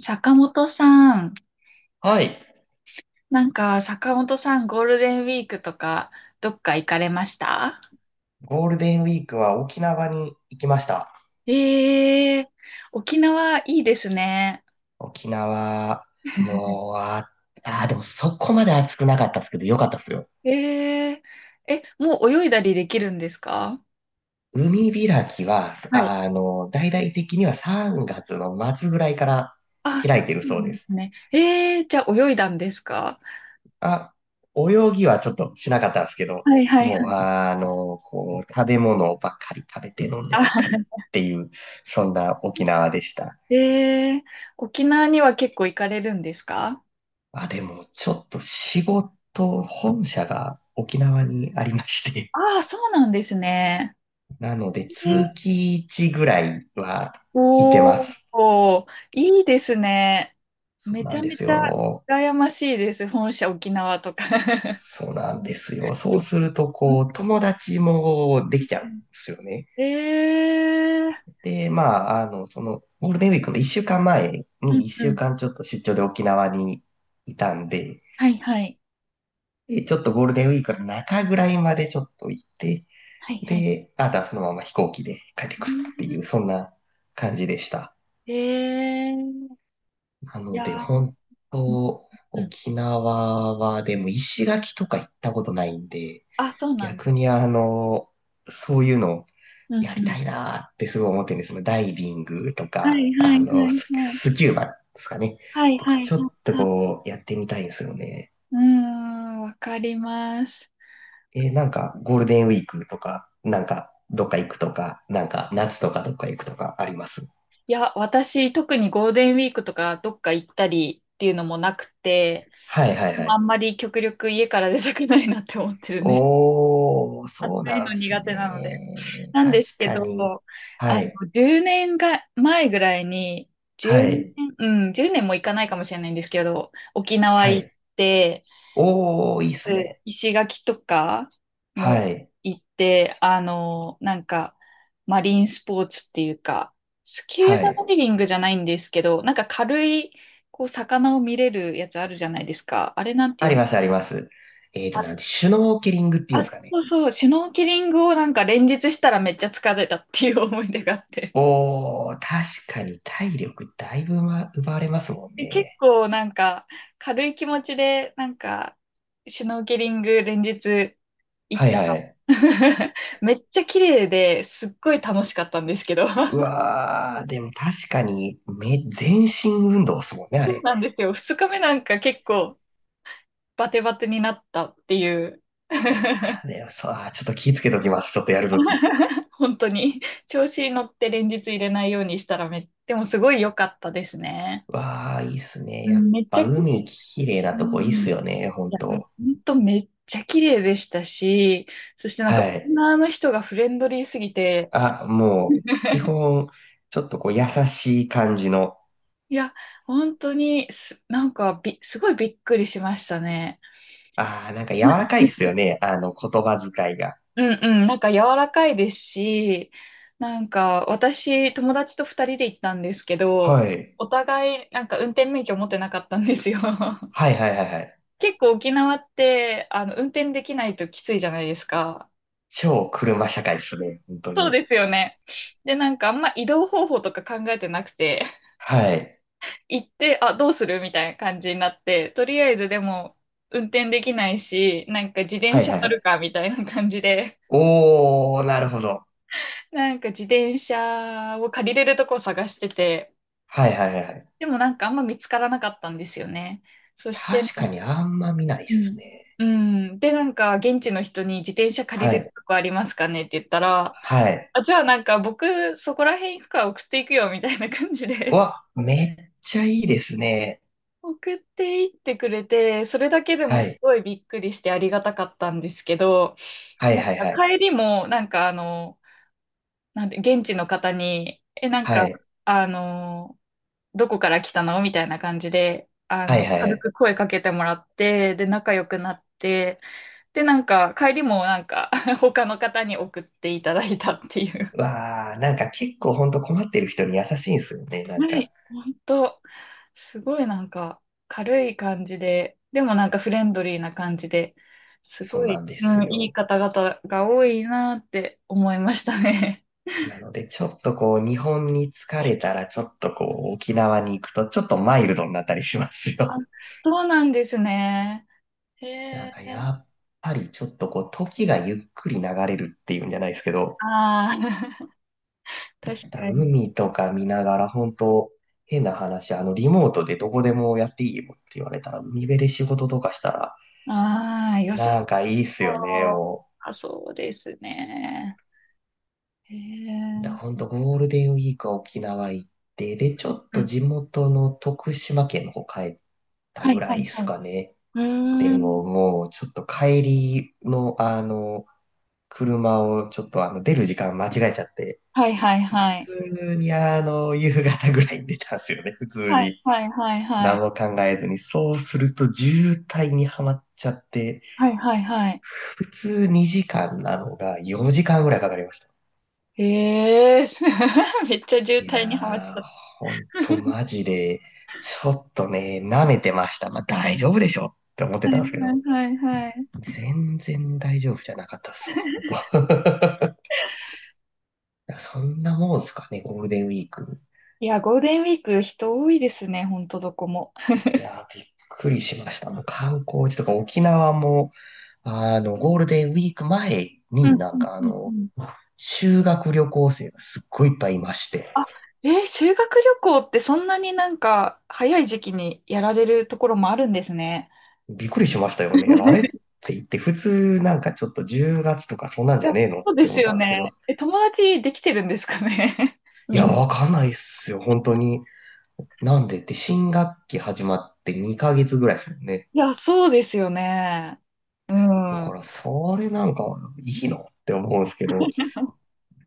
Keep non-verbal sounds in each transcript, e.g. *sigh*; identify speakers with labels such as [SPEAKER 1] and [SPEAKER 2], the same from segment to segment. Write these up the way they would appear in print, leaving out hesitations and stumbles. [SPEAKER 1] 坂本さん、
[SPEAKER 2] はい。
[SPEAKER 1] なんか坂本さんゴールデンウィークとかどっか行かれました？
[SPEAKER 2] ゴールデンウィークは沖縄に行きました。
[SPEAKER 1] ええー、沖縄いいですね。
[SPEAKER 2] 沖縄、
[SPEAKER 1] *laughs*
[SPEAKER 2] もう、あ、あー、でもそこまで暑くなかったですけど、よかったですよ。
[SPEAKER 1] ええー、え、もう泳いだりできるんですか？
[SPEAKER 2] 海開きは、
[SPEAKER 1] はい。
[SPEAKER 2] 大々的には3月の末ぐらいから
[SPEAKER 1] あ、そ
[SPEAKER 2] 開いてる
[SPEAKER 1] うな
[SPEAKER 2] そう
[SPEAKER 1] んで
[SPEAKER 2] です。
[SPEAKER 1] すね。ええー、じゃあ泳いだんですか？
[SPEAKER 2] あ、泳ぎはちょっとしなかったんですけど、
[SPEAKER 1] はいはい
[SPEAKER 2] もう、
[SPEAKER 1] はい。
[SPEAKER 2] あの、こう、食べ物ばっかり食べて飲んでばっか
[SPEAKER 1] あ、
[SPEAKER 2] りっていう、そんな沖縄でした。
[SPEAKER 1] ええー、沖縄には結構行かれるんですか？
[SPEAKER 2] あ、でも、ちょっと仕事、本社が沖縄にありまして、
[SPEAKER 1] ああー、そうなんですね。
[SPEAKER 2] *laughs* なので、通期1ぐらいはいてま
[SPEAKER 1] お
[SPEAKER 2] す。
[SPEAKER 1] お、いいですね。
[SPEAKER 2] そう
[SPEAKER 1] めち
[SPEAKER 2] なん
[SPEAKER 1] ゃ
[SPEAKER 2] で
[SPEAKER 1] めち
[SPEAKER 2] す
[SPEAKER 1] ゃ
[SPEAKER 2] よ。
[SPEAKER 1] 羨ましいです。本社沖縄とか。
[SPEAKER 2] そうなんですよ。そう
[SPEAKER 1] *laughs*
[SPEAKER 2] すると、
[SPEAKER 1] うん
[SPEAKER 2] こう、友達もできちゃうんで
[SPEAKER 1] う
[SPEAKER 2] すよね。
[SPEAKER 1] ん、ええ、
[SPEAKER 2] で、まあ、あの、その、ゴールデンウィークの1週間前
[SPEAKER 1] うん
[SPEAKER 2] に1
[SPEAKER 1] う
[SPEAKER 2] 週
[SPEAKER 1] ん。
[SPEAKER 2] 間ちょっと出張で沖縄にいたんで、
[SPEAKER 1] はいはい。
[SPEAKER 2] でちょっとゴールデンウィークの中ぐらいまでちょっと行って、
[SPEAKER 1] はいはい。
[SPEAKER 2] で、あとはそのまま飛行機で帰って
[SPEAKER 1] う
[SPEAKER 2] くるってい
[SPEAKER 1] ん、
[SPEAKER 2] う、そんな感じでした。
[SPEAKER 1] ええ、
[SPEAKER 2] な
[SPEAKER 1] い
[SPEAKER 2] の
[SPEAKER 1] や
[SPEAKER 2] で、本
[SPEAKER 1] ー、
[SPEAKER 2] 当、
[SPEAKER 1] うんうん。
[SPEAKER 2] 沖縄はでも石垣とか行ったことないんで、
[SPEAKER 1] あ、そうなんで
[SPEAKER 2] 逆
[SPEAKER 1] す。
[SPEAKER 2] にあの、そういうの
[SPEAKER 1] うん
[SPEAKER 2] やり
[SPEAKER 1] う
[SPEAKER 2] た
[SPEAKER 1] ん。
[SPEAKER 2] いなーってすごい思ってるんですよ。そダイビングと
[SPEAKER 1] は
[SPEAKER 2] か、
[SPEAKER 1] いはいはいはい。
[SPEAKER 2] スキューバですかね。
[SPEAKER 1] はい
[SPEAKER 2] と
[SPEAKER 1] はい
[SPEAKER 2] か、
[SPEAKER 1] は
[SPEAKER 2] ちょ
[SPEAKER 1] い
[SPEAKER 2] っと
[SPEAKER 1] はい。
[SPEAKER 2] こう、やってみたいんですよね。
[SPEAKER 1] うーん、わかります。
[SPEAKER 2] えなんか、ゴールデンウィークとか、どっか行くとか、夏とかどっか行くとかあります？
[SPEAKER 1] いや、私、特にゴールデンウィークとかどっか行ったりっていうのもなくて、
[SPEAKER 2] はいは
[SPEAKER 1] で
[SPEAKER 2] いは
[SPEAKER 1] もあ
[SPEAKER 2] い。
[SPEAKER 1] んまり極力家から出たくないなって思ってるんです。*laughs*
[SPEAKER 2] おー、そう
[SPEAKER 1] 暑い
[SPEAKER 2] な
[SPEAKER 1] の
[SPEAKER 2] んす
[SPEAKER 1] 苦手なので。
[SPEAKER 2] ね。
[SPEAKER 1] なん
[SPEAKER 2] 確
[SPEAKER 1] ですけ
[SPEAKER 2] か
[SPEAKER 1] ど、
[SPEAKER 2] に。はい、
[SPEAKER 1] 10年が前ぐらいに、
[SPEAKER 2] は
[SPEAKER 1] 10う
[SPEAKER 2] い、
[SPEAKER 1] ねん。年、うん、10年も行かないかもしれないんですけど、沖縄
[SPEAKER 2] は
[SPEAKER 1] 行っ
[SPEAKER 2] い。
[SPEAKER 1] て、
[SPEAKER 2] おー、いいっす
[SPEAKER 1] うん、
[SPEAKER 2] ね。
[SPEAKER 1] 石垣とかも
[SPEAKER 2] はい、
[SPEAKER 1] 行って、なんか、マリンスポーツっていうか、スキュ
[SPEAKER 2] は
[SPEAKER 1] ーバダ
[SPEAKER 2] い。
[SPEAKER 1] イビングじゃないんですけど、なんか軽い、こう、魚を見れるやつあるじゃないですか。あれなんてい
[SPEAKER 2] あ
[SPEAKER 1] う
[SPEAKER 2] り
[SPEAKER 1] の？
[SPEAKER 2] ます、あります。えーと、なんて、シュノーケリングっていうん
[SPEAKER 1] あ、
[SPEAKER 2] ですかね。
[SPEAKER 1] そうそう、シュノーケリングをなんか連日したらめっちゃ疲れたっていう思い出があって。
[SPEAKER 2] おー、確かに体力だいぶ、ま、奪われますもん
[SPEAKER 1] で結
[SPEAKER 2] ね。
[SPEAKER 1] 構なんか軽い気持ちでなんかシュノーケリング連日行っ
[SPEAKER 2] はい、
[SPEAKER 1] た。
[SPEAKER 2] はい。
[SPEAKER 1] *laughs* めっちゃ綺麗ですっごい楽しかったんですけど
[SPEAKER 2] う
[SPEAKER 1] *laughs*。
[SPEAKER 2] わー、でも確かに、め、全身運動っすもんね、あ
[SPEAKER 1] そう
[SPEAKER 2] れ。
[SPEAKER 1] なんですよ。二日目なんか結構バテバテになったっていう
[SPEAKER 2] あ
[SPEAKER 1] *laughs*。
[SPEAKER 2] ー、でも、そう、あーちょっと気ぃつけときます。ちょっとやるとき。
[SPEAKER 1] 本当に調子に乗って連日入れないようにしたらめ、でもすごい良かったですね。
[SPEAKER 2] わあ、いいっすね。
[SPEAKER 1] う
[SPEAKER 2] や
[SPEAKER 1] ん、
[SPEAKER 2] っ
[SPEAKER 1] めっち
[SPEAKER 2] ぱ
[SPEAKER 1] ゃ綺
[SPEAKER 2] 海
[SPEAKER 1] 麗、
[SPEAKER 2] きれいな
[SPEAKER 1] う
[SPEAKER 2] とこいいっす
[SPEAKER 1] ん、
[SPEAKER 2] よね、
[SPEAKER 1] い
[SPEAKER 2] 本
[SPEAKER 1] や、
[SPEAKER 2] 当。
[SPEAKER 1] ほんとめっちゃ綺麗でしたし、そしてなんか、
[SPEAKER 2] はい。
[SPEAKER 1] オの人がフレンドリーすぎて、
[SPEAKER 2] あ、もう、基
[SPEAKER 1] *laughs*
[SPEAKER 2] 本、ちょっとこう優しい感じの、
[SPEAKER 1] いや、本当になんかすごいびっくりしましたね。
[SPEAKER 2] ああ、なんか柔らかいっすよね、あの言葉遣いが。
[SPEAKER 1] うんうん、なんか柔らかいですし、なんか私、友達と二人で行ったんですけど、
[SPEAKER 2] はい。
[SPEAKER 1] お互いなんか運転免許持ってなかったんですよ。*laughs*
[SPEAKER 2] はいはいはいはい。
[SPEAKER 1] 結構沖縄って、運転できないときついじゃないですか。
[SPEAKER 2] 超車社会っすね、本当
[SPEAKER 1] そう
[SPEAKER 2] に。
[SPEAKER 1] ですよね。で、なんかあんま移動方法とか考えてなくて、
[SPEAKER 2] はい。
[SPEAKER 1] 行って、あ、どうするみたいな感じになって、とりあえずでも運転できないし、なんか自転
[SPEAKER 2] はい
[SPEAKER 1] 車
[SPEAKER 2] はいは
[SPEAKER 1] 乗る
[SPEAKER 2] い。
[SPEAKER 1] かみたいな感じで、
[SPEAKER 2] おー、なるほど。
[SPEAKER 1] なんか自転車を借りれるとこを探してて、
[SPEAKER 2] はいはいはいはい。
[SPEAKER 1] でもなんかあんま見つからなかったんですよね。そして、
[SPEAKER 2] 確
[SPEAKER 1] な
[SPEAKER 2] か
[SPEAKER 1] ん
[SPEAKER 2] にあんま見ないっ
[SPEAKER 1] う
[SPEAKER 2] す
[SPEAKER 1] ん。
[SPEAKER 2] ね。
[SPEAKER 1] うん。で、なんか、現地の人に自転車借り
[SPEAKER 2] は
[SPEAKER 1] れ
[SPEAKER 2] い。
[SPEAKER 1] るとこありますかねって言ったら、
[SPEAKER 2] はい。
[SPEAKER 1] あ、じゃあなんか僕そこら辺行くから送っていくよみたいな感じ
[SPEAKER 2] う
[SPEAKER 1] で
[SPEAKER 2] わ、めっちゃいいですね。
[SPEAKER 1] 送っていってくれて、それだけでも
[SPEAKER 2] は
[SPEAKER 1] す
[SPEAKER 2] い。
[SPEAKER 1] ごいびっくりしてありがたかったんですけど、
[SPEAKER 2] はい
[SPEAKER 1] なん
[SPEAKER 2] はい
[SPEAKER 1] か
[SPEAKER 2] はい。
[SPEAKER 1] 帰りも、なんかあの、なんて、現地の方に、え、なん
[SPEAKER 2] は
[SPEAKER 1] か、
[SPEAKER 2] い。
[SPEAKER 1] あの、どこから来たのみたいな感じで、あ
[SPEAKER 2] はい
[SPEAKER 1] の、
[SPEAKER 2] は
[SPEAKER 1] 軽
[SPEAKER 2] い。
[SPEAKER 1] く声かけてもらって、で、仲良くなって、で、なんか、帰りもなんか、*laughs* 他の方に送っていただいたっていう。
[SPEAKER 2] わあ、なんか結構ほんと困ってる人に優しいんですよね。
[SPEAKER 1] はい、本当、すごいなんか軽い感じで、でもなんかフレンドリーな感じで、す
[SPEAKER 2] そう
[SPEAKER 1] ご
[SPEAKER 2] な
[SPEAKER 1] い、
[SPEAKER 2] んで
[SPEAKER 1] う
[SPEAKER 2] す
[SPEAKER 1] ん、いい
[SPEAKER 2] よ。
[SPEAKER 1] 方々が多いなって思いましたね。
[SPEAKER 2] なので、ちょっとこう、日本に疲れ
[SPEAKER 1] *laughs*
[SPEAKER 2] たら、ちょっとこう、沖縄に行くと、ちょっとマイルドになったりします
[SPEAKER 1] あ、
[SPEAKER 2] よ。
[SPEAKER 1] そうなんですね。へ
[SPEAKER 2] *laughs*
[SPEAKER 1] え、
[SPEAKER 2] やっぱりちょっとこう、時がゆっくり流れるっていうんじゃないですけど、
[SPEAKER 1] ああ、*laughs* 確
[SPEAKER 2] だ
[SPEAKER 1] かに。
[SPEAKER 2] 海とか見ながら、本当変な話、リモートでどこでもやっていいよって言われたら、海辺で仕事とかしたら、
[SPEAKER 1] ああ、良さ
[SPEAKER 2] なんかいいっすよね、
[SPEAKER 1] そう。
[SPEAKER 2] もう。
[SPEAKER 1] あ、そうですね。へ
[SPEAKER 2] だ、ほ
[SPEAKER 1] え、
[SPEAKER 2] んとゴールデンウィークは沖縄行って、で、ちょっ
[SPEAKER 1] う
[SPEAKER 2] と
[SPEAKER 1] ん。
[SPEAKER 2] 地元の徳島県の方帰った
[SPEAKER 1] は
[SPEAKER 2] ぐ
[SPEAKER 1] い、
[SPEAKER 2] ら
[SPEAKER 1] は
[SPEAKER 2] い
[SPEAKER 1] い、
[SPEAKER 2] です
[SPEAKER 1] はい。
[SPEAKER 2] かね。
[SPEAKER 1] う
[SPEAKER 2] で
[SPEAKER 1] ーん。
[SPEAKER 2] ももうちょっと帰りの車をちょっと出る時間間違えちゃって、
[SPEAKER 1] はい、はい、はい。
[SPEAKER 2] 普通に夕方ぐらいに出たんですよね、*laughs* 普通
[SPEAKER 1] はい、
[SPEAKER 2] に。
[SPEAKER 1] はい、はい、は
[SPEAKER 2] 何
[SPEAKER 1] い。
[SPEAKER 2] も考えずに。そうすると渋滞にはまっちゃって、
[SPEAKER 1] はい、はい、はい。
[SPEAKER 2] 普通2時間なのが4時間ぐらいかかりました。
[SPEAKER 1] ええー *laughs* めっちゃ渋
[SPEAKER 2] い
[SPEAKER 1] 滞にはまっち
[SPEAKER 2] や
[SPEAKER 1] ゃ
[SPEAKER 2] ー、
[SPEAKER 1] った。
[SPEAKER 2] ほんとマジで、ちょっとね、舐めてました。まあ大丈夫でしょって思って
[SPEAKER 1] は
[SPEAKER 2] た
[SPEAKER 1] い
[SPEAKER 2] んですけ
[SPEAKER 1] はい
[SPEAKER 2] ど、
[SPEAKER 1] はいはい。
[SPEAKER 2] 全然大丈夫じゃなかったっすわ、ほんと。*laughs* いやそんなもんすかね、ゴールデンウィーク。
[SPEAKER 1] いや、ゴールデンウィーク人多いですね、ほんとどこも。
[SPEAKER 2] いやー、びっくりしました。もう観光地とか沖縄も、ゴールデンウィーク前
[SPEAKER 1] う
[SPEAKER 2] に
[SPEAKER 1] んうんうんうん。
[SPEAKER 2] 修学旅行生がすっごいいっぱいいまして、
[SPEAKER 1] えー修学旅行ってそんなになんか早い時期にやられるところもあるんですね。
[SPEAKER 2] びっくりしましたよね。あれっ
[SPEAKER 1] *laughs*
[SPEAKER 2] て言って、普通なんかちょっと10月とかそんなん
[SPEAKER 1] い
[SPEAKER 2] じ
[SPEAKER 1] や、
[SPEAKER 2] ゃねえのっ
[SPEAKER 1] そうで
[SPEAKER 2] て
[SPEAKER 1] す
[SPEAKER 2] 思った
[SPEAKER 1] よ
[SPEAKER 2] んですけ
[SPEAKER 1] ね。
[SPEAKER 2] ど、
[SPEAKER 1] え、友達できてるんですかね *laughs*
[SPEAKER 2] い
[SPEAKER 1] み
[SPEAKER 2] や、
[SPEAKER 1] んな。
[SPEAKER 2] わかんないっすよ、本当に。なんでって新学期始まって2ヶ月ぐらいですもんね。
[SPEAKER 1] いや、そうですよね。う
[SPEAKER 2] だか
[SPEAKER 1] ん。
[SPEAKER 2] ら、それなんかいいのって思うんですけど、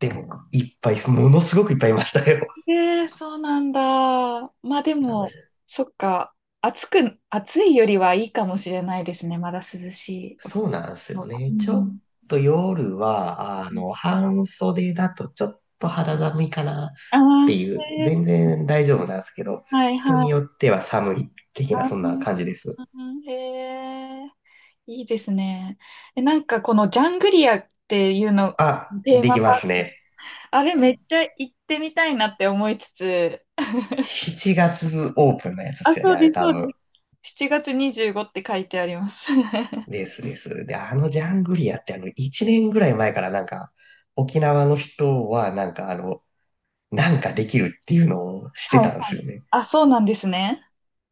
[SPEAKER 2] でも、いっぱい、ものすごくいっぱいいましたよ。
[SPEAKER 1] ええ、そうなんだ。まあで
[SPEAKER 2] あの、
[SPEAKER 1] も、そっか。暑く、暑いよりはいいかもしれないですね。まだ涼し
[SPEAKER 2] そ
[SPEAKER 1] い。
[SPEAKER 2] うなんです
[SPEAKER 1] も
[SPEAKER 2] よ
[SPEAKER 1] う、う
[SPEAKER 2] ね。ちょっ
[SPEAKER 1] ん。
[SPEAKER 2] と夜は、
[SPEAKER 1] うん、
[SPEAKER 2] 半袖だとちょっと肌寒いかなっ
[SPEAKER 1] あ
[SPEAKER 2] て
[SPEAKER 1] あ、
[SPEAKER 2] いう、
[SPEAKER 1] ええ、
[SPEAKER 2] 全然大丈夫なんですけど、
[SPEAKER 1] はい
[SPEAKER 2] 人
[SPEAKER 1] は
[SPEAKER 2] に
[SPEAKER 1] い。
[SPEAKER 2] よっては寒い的なそんな感
[SPEAKER 1] あ
[SPEAKER 2] じです。
[SPEAKER 1] あ、へえ、いいですね。え、なんかこのジャングリアっていうの、
[SPEAKER 2] あ、
[SPEAKER 1] テー
[SPEAKER 2] で
[SPEAKER 1] マ
[SPEAKER 2] き
[SPEAKER 1] パ
[SPEAKER 2] ま
[SPEAKER 1] ー
[SPEAKER 2] す
[SPEAKER 1] ク、
[SPEAKER 2] ね。
[SPEAKER 1] あれめっちゃ行ってみたいなって思いつつ、
[SPEAKER 2] 7月オープンのやつで
[SPEAKER 1] あ、
[SPEAKER 2] すよね、
[SPEAKER 1] そう
[SPEAKER 2] あ
[SPEAKER 1] で
[SPEAKER 2] れ
[SPEAKER 1] す、
[SPEAKER 2] 多
[SPEAKER 1] そう
[SPEAKER 2] 分。
[SPEAKER 1] です。7月25って書いてあります。*laughs* は
[SPEAKER 2] ですです。で、あのジャングリアって1年ぐらい前から沖縄の人はなんかできるっていうのをし
[SPEAKER 1] い
[SPEAKER 2] て
[SPEAKER 1] は
[SPEAKER 2] たんです
[SPEAKER 1] い。
[SPEAKER 2] よね。
[SPEAKER 1] あ、そうなんですね。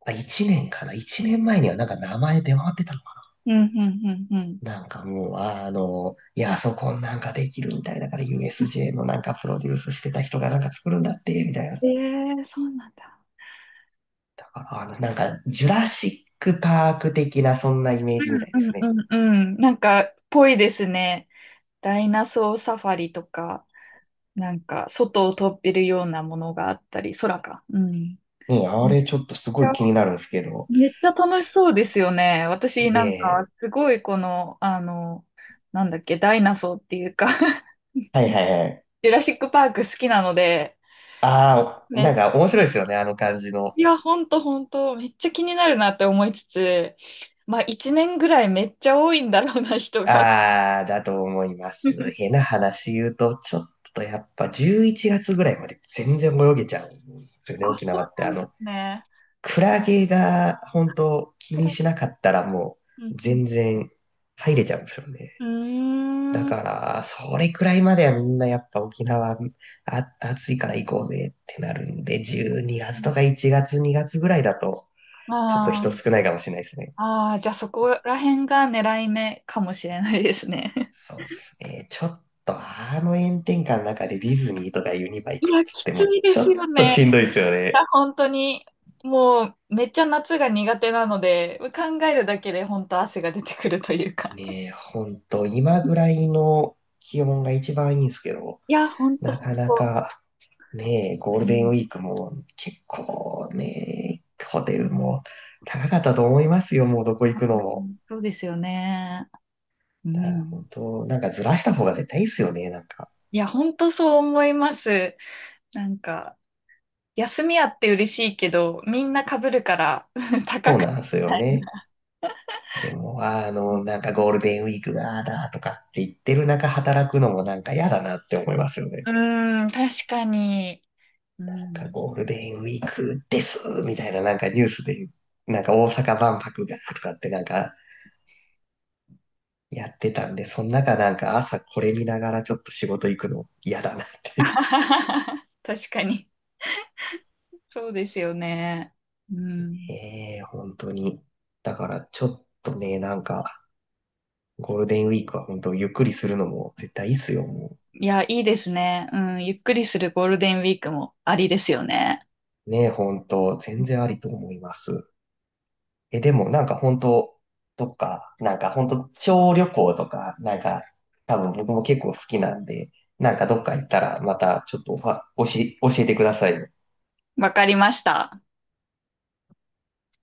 [SPEAKER 2] あ、1年かな？ 1 年前にはなんか名前出回ってたの。
[SPEAKER 1] うん、うん、うん、うん。
[SPEAKER 2] なんかもう、ああの、いや、そこなんかできるみたいだから USJ のなんかプロデュースしてた人がなんか作るんだって、みたいな。だ
[SPEAKER 1] ええ、そうなんだ。
[SPEAKER 2] からジュラシックパーク的なそんなイメージみたいで
[SPEAKER 1] うん
[SPEAKER 2] す
[SPEAKER 1] う
[SPEAKER 2] ね。
[SPEAKER 1] んうんうん。なんか、ぽいですね。ダイナソーサファリとか、なんか、外を飛べるようなものがあったり、空か。うん。
[SPEAKER 2] ねえ、あ
[SPEAKER 1] めっ
[SPEAKER 2] れちょっとす
[SPEAKER 1] ち
[SPEAKER 2] ご
[SPEAKER 1] ゃ、
[SPEAKER 2] い気になるんですけど。
[SPEAKER 1] めっちゃ楽しそうですよね。私
[SPEAKER 2] ね
[SPEAKER 1] なんか、
[SPEAKER 2] え。
[SPEAKER 1] すごいこの、あの、なんだっけ、ダイナソーっていうか *laughs*
[SPEAKER 2] はいはいはい。
[SPEAKER 1] ジュラシックパーク好きなので、
[SPEAKER 2] ああ、
[SPEAKER 1] め
[SPEAKER 2] なん
[SPEAKER 1] っ
[SPEAKER 2] か面白いですよね、あの感じの。
[SPEAKER 1] いや、ほんとほんと、めっちゃ気になるなって思いつつ、まあ、一年ぐらいめっちゃ多いんだろうな、人が
[SPEAKER 2] ああ、だと思います。変
[SPEAKER 1] *laughs*
[SPEAKER 2] な話言うと、ちょっとやっぱ11月ぐらいまで全然泳げちゃうんですよね、
[SPEAKER 1] あ、
[SPEAKER 2] 沖
[SPEAKER 1] そ
[SPEAKER 2] 縄
[SPEAKER 1] う
[SPEAKER 2] って。
[SPEAKER 1] なんですね。
[SPEAKER 2] クラゲが本当気に
[SPEAKER 1] 暗い、
[SPEAKER 2] しなかったらも
[SPEAKER 1] う
[SPEAKER 2] う
[SPEAKER 1] んう
[SPEAKER 2] 全然入れちゃうんですよね。だ
[SPEAKER 1] ん。うーん。
[SPEAKER 2] から、それくらいまではみんなやっぱ沖縄あ暑いから行こうぜってなるんで、12月とか1月2月ぐらいだとちょっと
[SPEAKER 1] あ
[SPEAKER 2] 人
[SPEAKER 1] ー、
[SPEAKER 2] 少ないかもしれないですね。
[SPEAKER 1] あー、じゃあそこら辺が狙い目かもしれないですね。*laughs*
[SPEAKER 2] そうっすね。ちょっとあの炎天下の中でディズニーとかユニバ行く
[SPEAKER 1] い
[SPEAKER 2] っ
[SPEAKER 1] や、
[SPEAKER 2] つっ
[SPEAKER 1] き
[SPEAKER 2] て
[SPEAKER 1] つ
[SPEAKER 2] も
[SPEAKER 1] いで
[SPEAKER 2] ちょ
[SPEAKER 1] す
[SPEAKER 2] っ
[SPEAKER 1] よ
[SPEAKER 2] と
[SPEAKER 1] ね。
[SPEAKER 2] しんどいですよ
[SPEAKER 1] い
[SPEAKER 2] ね。
[SPEAKER 1] や本当に、もう、めっちゃ夏が苦手なので、考えるだけで本当汗が出てくるというか。
[SPEAKER 2] ねえ、ほんと今ぐらいの気温が一番いいんですけど、
[SPEAKER 1] いや、本当
[SPEAKER 2] な
[SPEAKER 1] 本
[SPEAKER 2] かな
[SPEAKER 1] 当。
[SPEAKER 2] かねえ、ゴール
[SPEAKER 1] う
[SPEAKER 2] デン
[SPEAKER 1] ん、
[SPEAKER 2] ウィークも結構ね、ホテルも高かったと思いますよ、もうどこ行くのも。
[SPEAKER 1] そうですよね。う
[SPEAKER 2] だから
[SPEAKER 1] ん。
[SPEAKER 2] 本当、なんかずらした方が絶対いいっすよね、なんか。
[SPEAKER 1] いや、本当そう思います。なんか、休みあって嬉しいけど、みんな被るから *laughs* 高
[SPEAKER 2] そう
[SPEAKER 1] く
[SPEAKER 2] なんですよ
[SPEAKER 1] ない。
[SPEAKER 2] ね。で
[SPEAKER 1] う
[SPEAKER 2] も、あの、なんかゴ
[SPEAKER 1] ん、
[SPEAKER 2] ールデンウィークがああだとかって言ってる中働くのもなんか嫌だなって思いますよね。
[SPEAKER 1] うん確かに。う
[SPEAKER 2] なんか
[SPEAKER 1] ん。
[SPEAKER 2] ゴールデンウィークですみたいななんかニュースで、なんか大阪万博がとかってなんかやってたんで、その中なんか朝これ見ながらちょっと仕事行くの嫌だなって。
[SPEAKER 1] *laughs* 確かに。そうですよね。うん。
[SPEAKER 2] ええ本当に。だから、ちょっとね、ゴールデンウィークは本当、ゆっくりするのも絶対いいっすよ、も
[SPEAKER 1] いや、いいですね。うん。ゆっくりするゴールデンウィークもありですよね。
[SPEAKER 2] う。ねえ、本当、全然ありと思います。でも、なんか本当、どっか、なんか本当、小旅行とか、なんか、多分僕も結構好きなんで、なんかどっか行ったら、またちょっとおは、教え教えてください。
[SPEAKER 1] わかりました。